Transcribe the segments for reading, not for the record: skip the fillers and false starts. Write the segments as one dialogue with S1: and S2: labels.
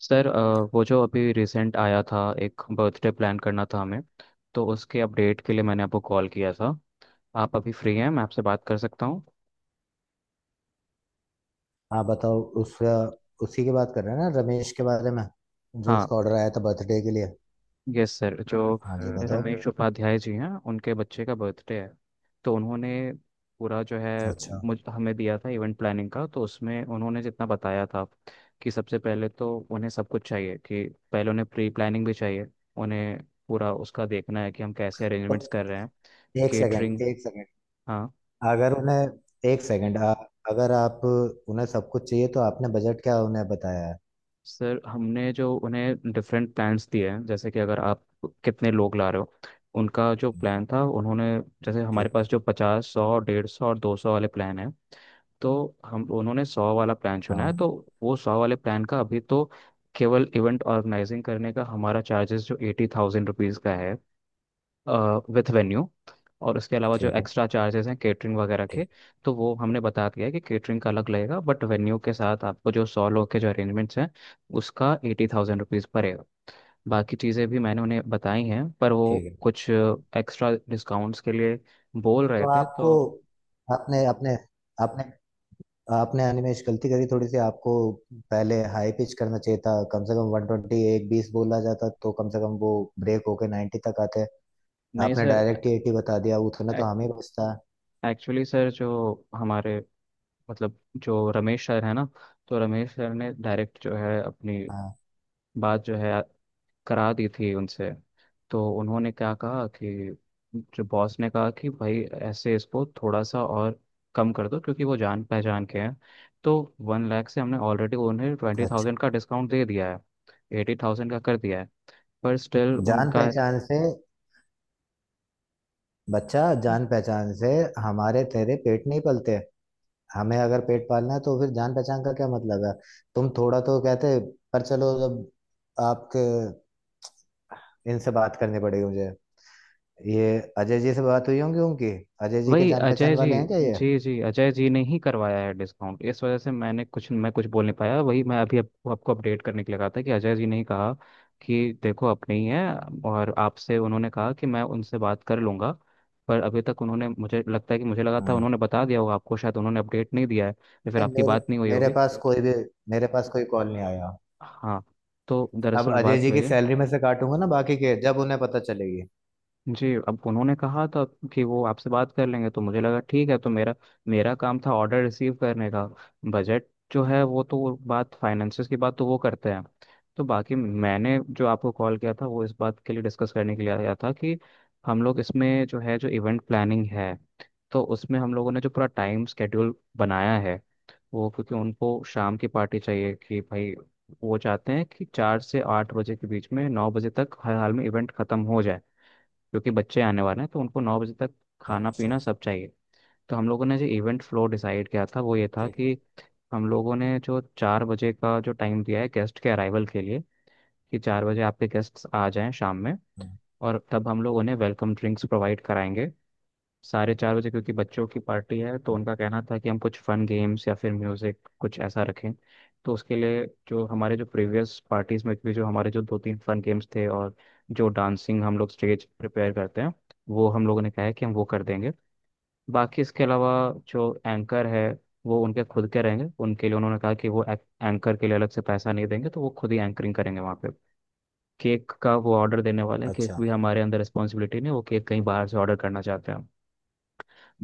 S1: Sir वो जो अभी रिसेंट आया था। एक बर्थडे प्लान करना था हमें, तो उसके अपडेट के लिए मैंने आपको कॉल किया था। आप अभी फ्री हैं? मैं आपसे बात कर सकता हूँ?
S2: हाँ, बताओ उसका। उसी की बात कर रहे हैं ना, रमेश के बारे में? जो
S1: हाँ,
S2: उसका ऑर्डर आया था बर्थडे के लिए।
S1: Yes sir. जो
S2: हाँ जी, बताओ।
S1: रमेश उपाध्याय जी हैं, उनके बच्चे का बर्थडे है, तो उन्होंने पूरा जो है
S2: अच्छा।
S1: मुझ हमें दिया था इवेंट प्लानिंग का। तो उसमें उन्होंने जितना बताया था, कि सबसे पहले तो उन्हें सब कुछ चाहिए, कि पहले उन्हें प्री प्लानिंग भी चाहिए। उन्हें पूरा उसका देखना है कि हम कैसे
S2: तो
S1: अरेंजमेंट्स कर रहे हैं,
S2: एक सेकंड,
S1: केटरिंग।
S2: एक सेकंड।
S1: हाँ
S2: अगर उन्हें एक सेकंड अगर आप उन्हें सब कुछ चाहिए तो आपने बजट क्या उन्हें बताया है?
S1: सर, हमने जो उन्हें डिफरेंट प्लान्स दिए हैं, जैसे कि अगर आप कितने लोग ला रहे हो। उनका जो प्लान था उन्होंने, जैसे हमारे
S2: ठीक
S1: पास
S2: है।
S1: जो पचास, सौ, डेढ़ सौ और दो सौ वाले प्लान हैं, तो हम उन्होंने 100 वाला प्लान चुना है।
S2: हाँ।
S1: तो वो 100 वाले प्लान का अभी तो, केवल इवेंट ऑर्गेनाइजिंग करने का हमारा चार्जेस जो ₹80,000 का है, विथ वेन्यू। और उसके अलावा जो
S2: ठीक है।
S1: एक्स्ट्रा चार्जेस हैं केटरिंग वगैरह के,
S2: ठीक।
S1: तो वो हमने बता दिया है कि केटरिंग का अलग लगेगा। बट वेन्यू के साथ आपको जो 100 लोग के जो अरेंजमेंट्स हैं, उसका ₹80,000 पड़ेगा। बाकी चीज़ें भी मैंने उन्हें बताई हैं, पर वो
S2: ठीक है।
S1: कुछ एक्स्ट्रा डिस्काउंट्स के लिए बोल रहे
S2: तो
S1: थे।
S2: आपको
S1: तो
S2: आपने आपने आपने आपने अनिमेश गलती करी थोड़ी सी। आपको पहले हाई पिच करना चाहिए था, कम से कम 120, एक बीस बोला जाता तो कम से कम वो ब्रेक होके 90 तक आते।
S1: नहीं
S2: आपने
S1: सर,
S2: डायरेक्ट ही 80 बता दिया, उतना तो हमें बचता।
S1: एक्चुअली सर जो हमारे मतलब, जो रमेश सर है ना, तो रमेश सर ने डायरेक्ट जो है अपनी
S2: हाँ।
S1: बात जो है करा दी थी उनसे। तो उन्होंने क्या कहा कि जो बॉस ने कहा कि भाई ऐसे इसको थोड़ा सा और कम कर दो, क्योंकि वो जान पहचान के हैं। तो 1 लाख से हमने ऑलरेडी उन्हें ट्वेंटी
S2: अच्छा।
S1: थाउजेंड का डिस्काउंट दे दिया है, 80,000 का कर दिया है। पर स्टिल
S2: जान
S1: उनका,
S2: पहचान से बच्चा जान पहचान से, हमारे तेरे पेट नहीं पलते। हमें अगर पेट पालना है तो फिर जान पहचान का क्या मतलब है? तुम थोड़ा तो कहते। पर चलो, जब आपके इनसे बात करनी पड़ेगी मुझे। ये अजय जी से बात हुई होंगी उनकी। अजय जी के
S1: वही
S2: जान
S1: अजय
S2: पहचान
S1: जी।
S2: वाले हैं क्या ये?
S1: जी जी, अजय जी ने ही करवाया है डिस्काउंट। इस वजह से मैं कुछ बोल नहीं पाया। वही मैं अभी आपको आपको अपडेट करने के लिए कहा था कि अजय जी ने ही कहा कि देखो अपने ही है। और आपसे उन्होंने कहा कि मैं उनसे बात कर लूंगा। पर अभी तक उन्होंने, मुझे लगता है कि, मुझे लगा था
S2: हम्म।
S1: उन्होंने बता दिया होगा आपको, शायद उन्होंने अपडेट नहीं दिया है, या फिर
S2: नहीं,
S1: आपकी
S2: मेरे
S1: बात नहीं हुई
S2: मेरे
S1: होगी।
S2: पास कोई भी मेरे पास कोई कॉल नहीं आया।
S1: हाँ, तो
S2: अब
S1: दरअसल
S2: अजय
S1: बात
S2: जी
S1: वही
S2: की
S1: है।
S2: सैलरी में से काटूंगा ना बाकी के, जब उन्हें पता चलेगी।
S1: जी, अब उन्होंने कहा था कि वो आपसे बात कर लेंगे, तो मुझे लगा ठीक है। तो मेरा मेरा काम था ऑर्डर रिसीव करने का। बजट जो है वो तो, बात फाइनेंसिस की बात तो वो करते हैं। तो बाकी मैंने जो आपको कॉल किया था, वो इस बात के लिए डिस्कस करने के लिए आया था कि हम लोग इसमें जो है, जो इवेंट प्लानिंग है, तो उसमें हम लोगों ने जो पूरा टाइम स्केड्यूल बनाया है वो, क्योंकि उनको शाम की पार्टी चाहिए। कि भाई वो चाहते हैं कि 4 से 8 बजे के बीच में, 9 बजे तक हर हाल में इवेंट खत्म हो जाए, क्योंकि बच्चे आने वाले हैं। तो उनको 9 बजे तक खाना
S2: अच्छा।
S1: पीना सब चाहिए। तो हम लोगों ने जो इवेंट फ्लो डिसाइड किया था वो ये था
S2: ठीक है।
S1: कि, हम लोगों ने जो 4 बजे का जो टाइम दिया है गेस्ट के अराइवल के लिए, कि चार बजे आपके गेस्ट्स आ जाएं शाम में,
S2: हम्म,
S1: और तब हम लोग उन्हें वेलकम ड्रिंक्स प्रोवाइड कराएंगे। 4:30 बजे, क्योंकि बच्चों की पार्टी है तो उनका कहना था कि हम कुछ फन गेम्स या फिर म्यूजिक कुछ ऐसा रखें। तो उसके लिए जो हमारे जो प्रीवियस पार्टीज में भी जो हमारे जो दो तीन फन गेम्स थे, और जो डांसिंग हम लोग स्टेज प्रिपेयर करते हैं, वो हम लोगों ने कहा है कि हम वो कर देंगे। बाकी इसके अलावा जो एंकर है, वो उनके खुद के रहेंगे। उनके लिए उन्होंने कहा कि वो एंकर के लिए अलग से पैसा नहीं देंगे, तो वो खुद ही एंकरिंग करेंगे वहाँ पे। केक का वो ऑर्डर देने वाले हैं, केक
S2: अच्छा।
S1: भी हमारे अंदर रिस्पॉन्सिबिलिटी नहीं है, वो केक कहीं बाहर से ऑर्डर करना चाहते हैं।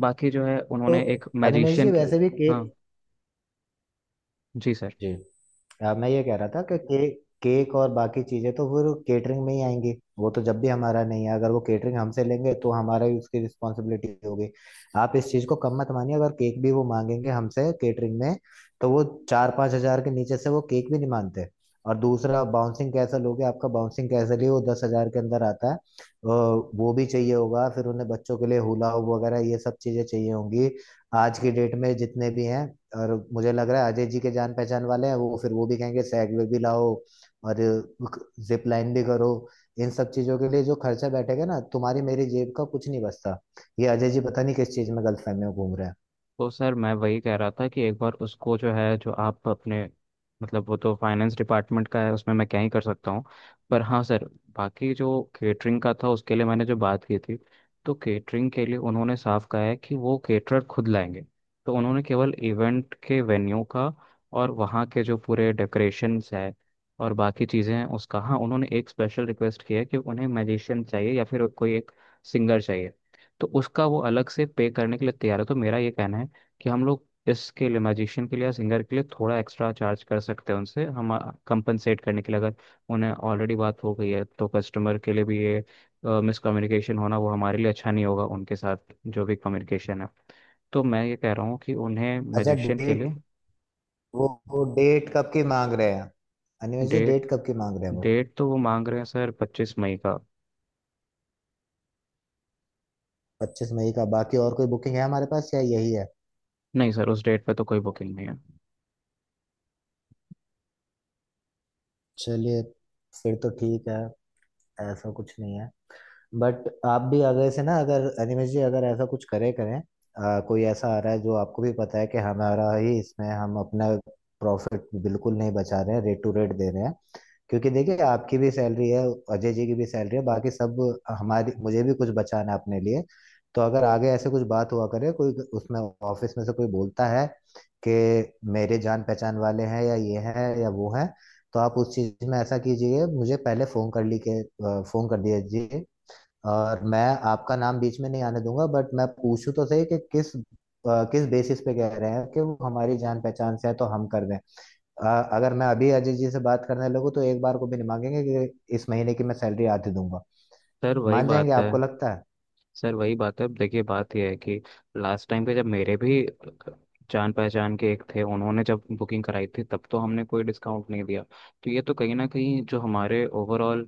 S1: बाकी जो है
S2: तो
S1: उन्होंने एक
S2: अनिमेश
S1: मैजिशियन
S2: जी
S1: की।
S2: वैसे भी
S1: हाँ
S2: केक,
S1: जी सर।
S2: जी, मैं ये कह रहा था कि केक केक और बाकी चीजें तो वो केटरिंग में ही आएंगी। वो तो जब भी हमारा नहीं है, अगर वो केटरिंग हमसे लेंगे तो हमारा ही उसकी रिस्पॉन्सिबिलिटी होगी। आप इस चीज को कम मत मानिए, अगर केक भी वो मांगेंगे हमसे केटरिंग में तो वो 4-5 हजार के नीचे से वो केक भी नहीं मानते। और दूसरा, बाउंसिंग कैसल हो गया। आपका बाउंसिंग कैसल ही वो 10 हजार के अंदर आता है। वो भी चाहिए होगा फिर उन्हें बच्चों के लिए, हुला हो वगैरह ये सब चीजें चाहिए होंगी आज की डेट में जितने भी हैं। और मुझे लग रहा है अजय जी के जान पहचान वाले हैं वो, फिर वो भी कहेंगे सैग में भी लाओ और जिप लाइन भी करो। इन सब चीजों के लिए जो खर्चा बैठेगा ना, तुम्हारी मेरी जेब का कुछ नहीं बचता। ये अजय जी पता नहीं किस चीज में गलतफहमी में घूम रहे हैं।
S1: तो सर मैं वही कह रहा था कि एक बार उसको जो है, जो आप अपने मतलब, वो तो फाइनेंस डिपार्टमेंट का है, उसमें मैं क्या ही कर सकता हूँ। पर हाँ सर, बाकी जो केटरिंग का था उसके लिए मैंने जो बात की थी, तो केटरिंग के लिए उन्होंने साफ कहा है कि वो केटरर खुद लाएंगे। तो उन्होंने केवल इवेंट के वेन्यू का और वहाँ के जो पूरे डेकोरेशंस है और बाकी चीज़ें हैं उसका, हाँ उन्होंने एक स्पेशल रिक्वेस्ट किया है कि उन्हें मैजिशियन चाहिए या फिर कोई एक सिंगर चाहिए। तो उसका वो अलग से पे करने के लिए तैयार है। तो मेरा ये कहना है कि हम लोग इसके लिए म्यूजिशियन के लिए या सिंगर के लिए थोड़ा एक्स्ट्रा चार्ज कर सकते हैं उनसे। हम कंपनसेट करने के लिए, अगर उन्हें ऑलरेडी बात हो गई है तो कस्टमर के लिए भी ये मिसकम्युनिकेशन होना वो हमारे लिए अच्छा नहीं होगा। उनके साथ जो भी कम्युनिकेशन है, तो मैं ये कह रहा हूँ कि उन्हें
S2: अच्छा,
S1: म्यूजिशियन के
S2: डेट।
S1: लिए।
S2: वो डेट कब की मांग रहे हैं? अनिमेश जी,
S1: डेट
S2: डेट कब की मांग रहे हैं वो?
S1: डेट तो वो मांग रहे हैं सर 25 मई का।
S2: 25 मई का। बाकी और कोई बुकिंग है हमारे पास या यही है?
S1: नहीं सर, उस डेट पे तो कोई बुकिंग नहीं है।
S2: चलिए, फिर तो ठीक है। ऐसा कुछ नहीं है। बट आप भी आगे से ना, अगर अनिमेश जी, अगर ऐसा कुछ करें, कोई ऐसा आ रहा है जो आपको भी पता है कि हमारा ही इसमें हम अपना प्रॉफिट बिल्कुल नहीं बचा रहे हैं, रेट टू रेट दे रहे हैं। क्योंकि देखिए आपकी भी सैलरी है, अजय जी की भी सैलरी है, बाकी सब हमारी, मुझे भी कुछ बचाना है अपने लिए। तो अगर आगे ऐसे कुछ बात हुआ करे, कोई उसमें ऑफिस में से कोई बोलता है कि मेरे जान पहचान वाले हैं या ये हैं या वो हैं, तो आप उस चीज में ऐसा कीजिए, मुझे पहले फोन कर दीजिए। और मैं आपका नाम बीच में नहीं आने दूंगा, बट मैं पूछूं तो सही कि किस किस बेसिस पे कह रहे हैं कि वो हमारी जान पहचान से है तो हम कर दें। अ, अगर मैं अभी अजय जी से बात करने लगूँ तो एक बार को भी नहीं मांगेंगे कि इस महीने की मैं सैलरी आधी दूंगा।
S1: सर वही
S2: मान जाएंगे
S1: बात है।
S2: आपको लगता है?
S1: सर वही बात है, अब देखिए बात यह है कि लास्ट टाइम पे जब मेरे भी जान पहचान के एक थे, उन्होंने जब बुकिंग कराई थी तब तो हमने कोई डिस्काउंट नहीं दिया। तो ये तो कहीं ना कहीं जो हमारे ओवरऑल,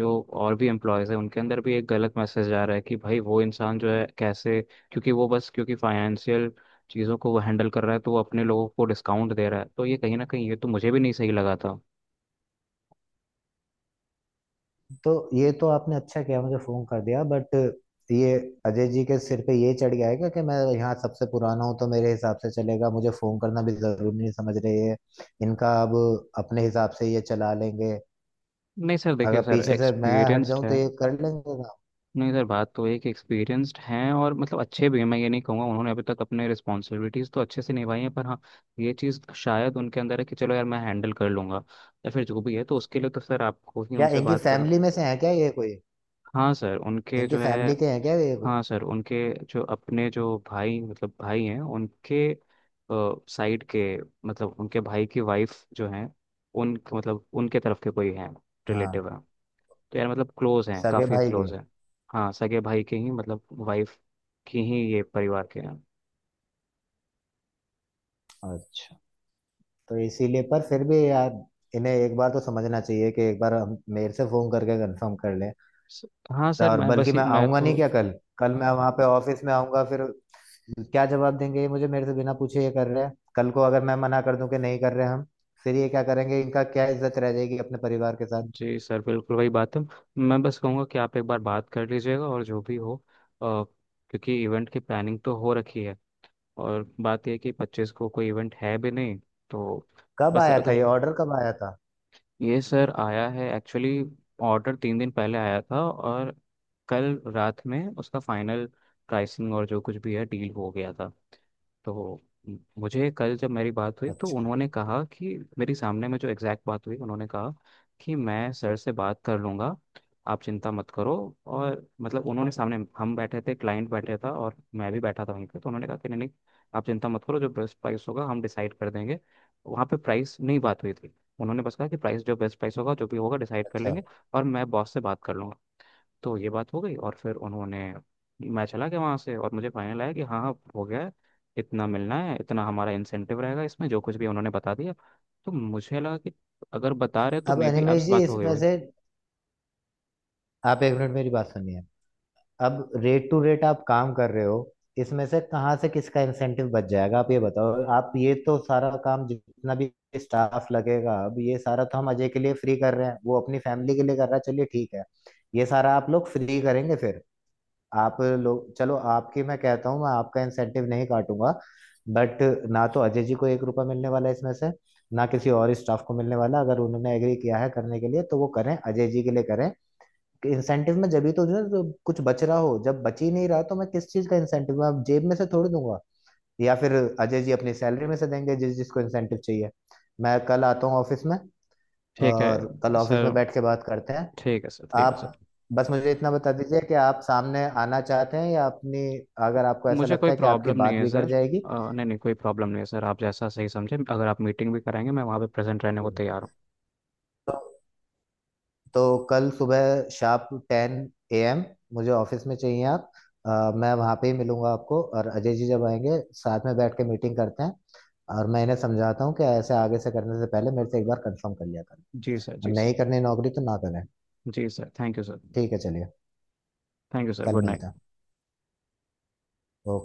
S1: जो और भी एम्प्लॉयज़ हैं, उनके अंदर भी एक गलत मैसेज जा रहा है कि भाई वो इंसान जो है कैसे, क्योंकि वो बस क्योंकि फाइनेंशियल चीज़ों को वो हैंडल कर रहा है, तो वो अपने लोगों को डिस्काउंट दे रहा है, तो ये कहीं ना कहीं ये तो मुझे भी नहीं सही लगा था।
S2: तो ये तो आपने अच्छा किया मुझे फोन कर दिया, बट ये अजय जी के सिर पे ये चढ़ गया है क्या कि मैं यहाँ सबसे पुराना हूँ तो मेरे हिसाब से चलेगा, मुझे फोन करना भी जरूरी नहीं समझ रहे है। इनका अब अपने हिसाब से ये चला लेंगे।
S1: नहीं सर देखिए,
S2: अगर
S1: सर
S2: पीछे से मैं हट
S1: एक्सपीरियंस्ड
S2: जाऊं तो
S1: है।
S2: ये कर लेंगे काम?
S1: नहीं सर, बात तो एक एक्सपीरियंस्ड हैं, और मतलब अच्छे भी हैं, मैं ये नहीं कहूँगा। उन्होंने अभी तक अपने रिस्पॉन्सिबिलिटीज़ तो अच्छे से निभाई हैं, पर हाँ ये चीज़ शायद उनके अंदर है कि चलो यार मैं हैंडल कर लूँगा, या फिर जो भी है। तो उसके लिए तो सर आपको ही
S2: क्या
S1: उनसे
S2: इनकी
S1: बात करना।
S2: फैमिली में से है क्या ये कोई?
S1: हाँ सर, उनके
S2: इनकी
S1: जो है,
S2: फैमिली के हैं क्या ये को
S1: हाँ सर उनके जो, अपने जो भाई मतलब भाई हैं उनके साइड के, मतलब उनके भाई की वाइफ जो हैं, उन मतलब उनके तरफ के कोई हैं,
S2: हाँ,
S1: रिलेटिव। तो यार मतलब क्लोज हैं,
S2: सगे
S1: काफ़ी
S2: भाई के।
S1: क्लोज हैं। हाँ सगे भाई के ही, मतलब वाइफ की ही, ये परिवार के हैं।
S2: अच्छा, तो इसीलिए। पर फिर भी यार, इन्हें एक बार तो समझना चाहिए कि एक बार हम मेरे से फोन करके कंफर्म कर लें।
S1: स- हाँ
S2: तो
S1: सर,
S2: और
S1: मैं बस
S2: बल्कि
S1: ही
S2: मैं
S1: मैं
S2: आऊंगा नहीं
S1: तो
S2: क्या कल? कल मैं वहां पे ऑफिस में आऊंगा फिर क्या जवाब देंगे ये मुझे? मेरे से बिना पूछे ये कर रहे हैं, कल को अगर मैं मना कर दूं कि नहीं कर रहे हम, फिर ये क्या करेंगे? इनका क्या इज्जत रह जाएगी अपने परिवार के साथ?
S1: जी सर बिल्कुल वही बात है। मैं बस कहूँगा कि आप एक बार बात कर लीजिएगा और जो भी हो, क्योंकि इवेंट की प्लानिंग तो हो रखी है, और बात यह है कि 25 को कोई इवेंट है भी नहीं। तो
S2: कब
S1: बस
S2: आया था
S1: अगर,
S2: ये ऑर्डर? कब आया था?
S1: ये सर आया है एक्चुअली, ऑर्डर 3 दिन पहले आया था, और कल रात में उसका फाइनल प्राइसिंग और जो कुछ भी है डील हो गया था। तो मुझे कल जब मेरी बात हुई तो
S2: अच्छा।
S1: उन्होंने कहा कि, मेरी सामने में जो एग्जैक्ट बात हुई, उन्होंने कहा कि मैं सर से बात कर लूँगा, आप चिंता मत करो। और मतलब उन्होंने, सामने हम बैठे थे, क्लाइंट बैठे था और मैं भी बैठा था वहीं पे, तो उन्होंने कहा कि नहीं नहीं, आप चिंता मत करो, जो बेस्ट प्राइस होगा हम डिसाइड कर देंगे। वहाँ पे प्राइस नहीं बात हुई थी, उन्होंने बस कहा कि प्राइस, जो बेस्ट प्राइस होगा, जो भी होगा डिसाइड कर
S2: अच्छा।
S1: लेंगे, और मैं बॉस से बात कर लूँगा। तो ये बात हो गई, और फिर उन्होंने, मैं चला गया वहाँ से, और मुझे फाइनल आया कि हाँ हाँ हो गया है, इतना मिलना है, इतना हमारा इंसेंटिव रहेगा इसमें, जो कुछ भी उन्होंने बता दिया। तो मुझे लगा कि अगर बता रहे तो
S2: अब
S1: मे बी
S2: अनिमेश
S1: आपसे
S2: जी,
S1: बात हो गई
S2: इसमें
S1: होगी।
S2: से आप एक मिनट मेरी बात सुनिए। अब रेट टू रेट आप काम कर रहे हो, इसमें से कहाँ से किसका इंसेंटिव बच जाएगा, आप ये बताओ। आप ये तो सारा काम, जितना भी स्टाफ लगेगा, अब ये सारा तो हम अजय के लिए फ्री कर रहे हैं, वो अपनी फैमिली के लिए कर रहा है, चलिए ठीक है। ये सारा आप लोग फ्री करेंगे फिर। आप लोग चलो, आपकी मैं कहता हूँ मैं आपका इंसेंटिव नहीं काटूंगा, बट ना तो अजय जी को एक रुपया मिलने वाला है इसमें से, ना किसी और स्टाफ को मिलने वाला। अगर उन्होंने एग्री किया है करने के लिए तो वो करें, अजय जी के लिए करें। इंसेंटिव में जब ही तो जो है, तो कुछ बच रहा हो, जब बच ही नहीं रहा तो मैं किस चीज का इंसेंटिव, मैं अब जेब में से थोड़ी दूंगा? या फिर अजय जी अपनी सैलरी में से देंगे जिसको इंसेंटिव चाहिए। मैं कल आता हूँ ऑफिस में,
S1: ठीक है
S2: और कल ऑफिस
S1: सर,
S2: में बैठ के बात करते हैं।
S1: ठीक है सर, ठीक है सर।
S2: आप बस मुझे इतना बता दीजिए कि आप सामने आना चाहते हैं या अपनी, अगर आपको ऐसा
S1: मुझे
S2: लगता
S1: कोई
S2: है कि आपकी
S1: प्रॉब्लम नहीं
S2: बात
S1: है
S2: बिगड़
S1: सर।
S2: जाएगी
S1: नहीं नहीं, कोई प्रॉब्लम नहीं है सर, आप जैसा सही समझे, अगर आप मीटिंग भी कराएंगे मैं वहाँ पे प्रेजेंट रहने को तैयार हूँ।
S2: तो तो कल सुबह शार्प 10 A.M. मुझे ऑफिस में चाहिए आप। अ, मैं वहाँ पे ही मिलूंगा आपको, और अजय जी जब आएंगे साथ में बैठ के मीटिंग करते हैं। और मैं इन्हें समझाता हूँ कि ऐसे आगे से करने से पहले मेरे से एक बार कंफर्म कर लिया करें।
S1: जी सर,
S2: और
S1: जी
S2: नहीं
S1: सर।
S2: करनी नौकरी तो ना करें।
S1: जी सर, थैंक यू सर।
S2: ठीक है, चलिए।
S1: थैंक यू सर,
S2: कल
S1: गुड
S2: मिलते हैं।
S1: नाइट।
S2: ओके।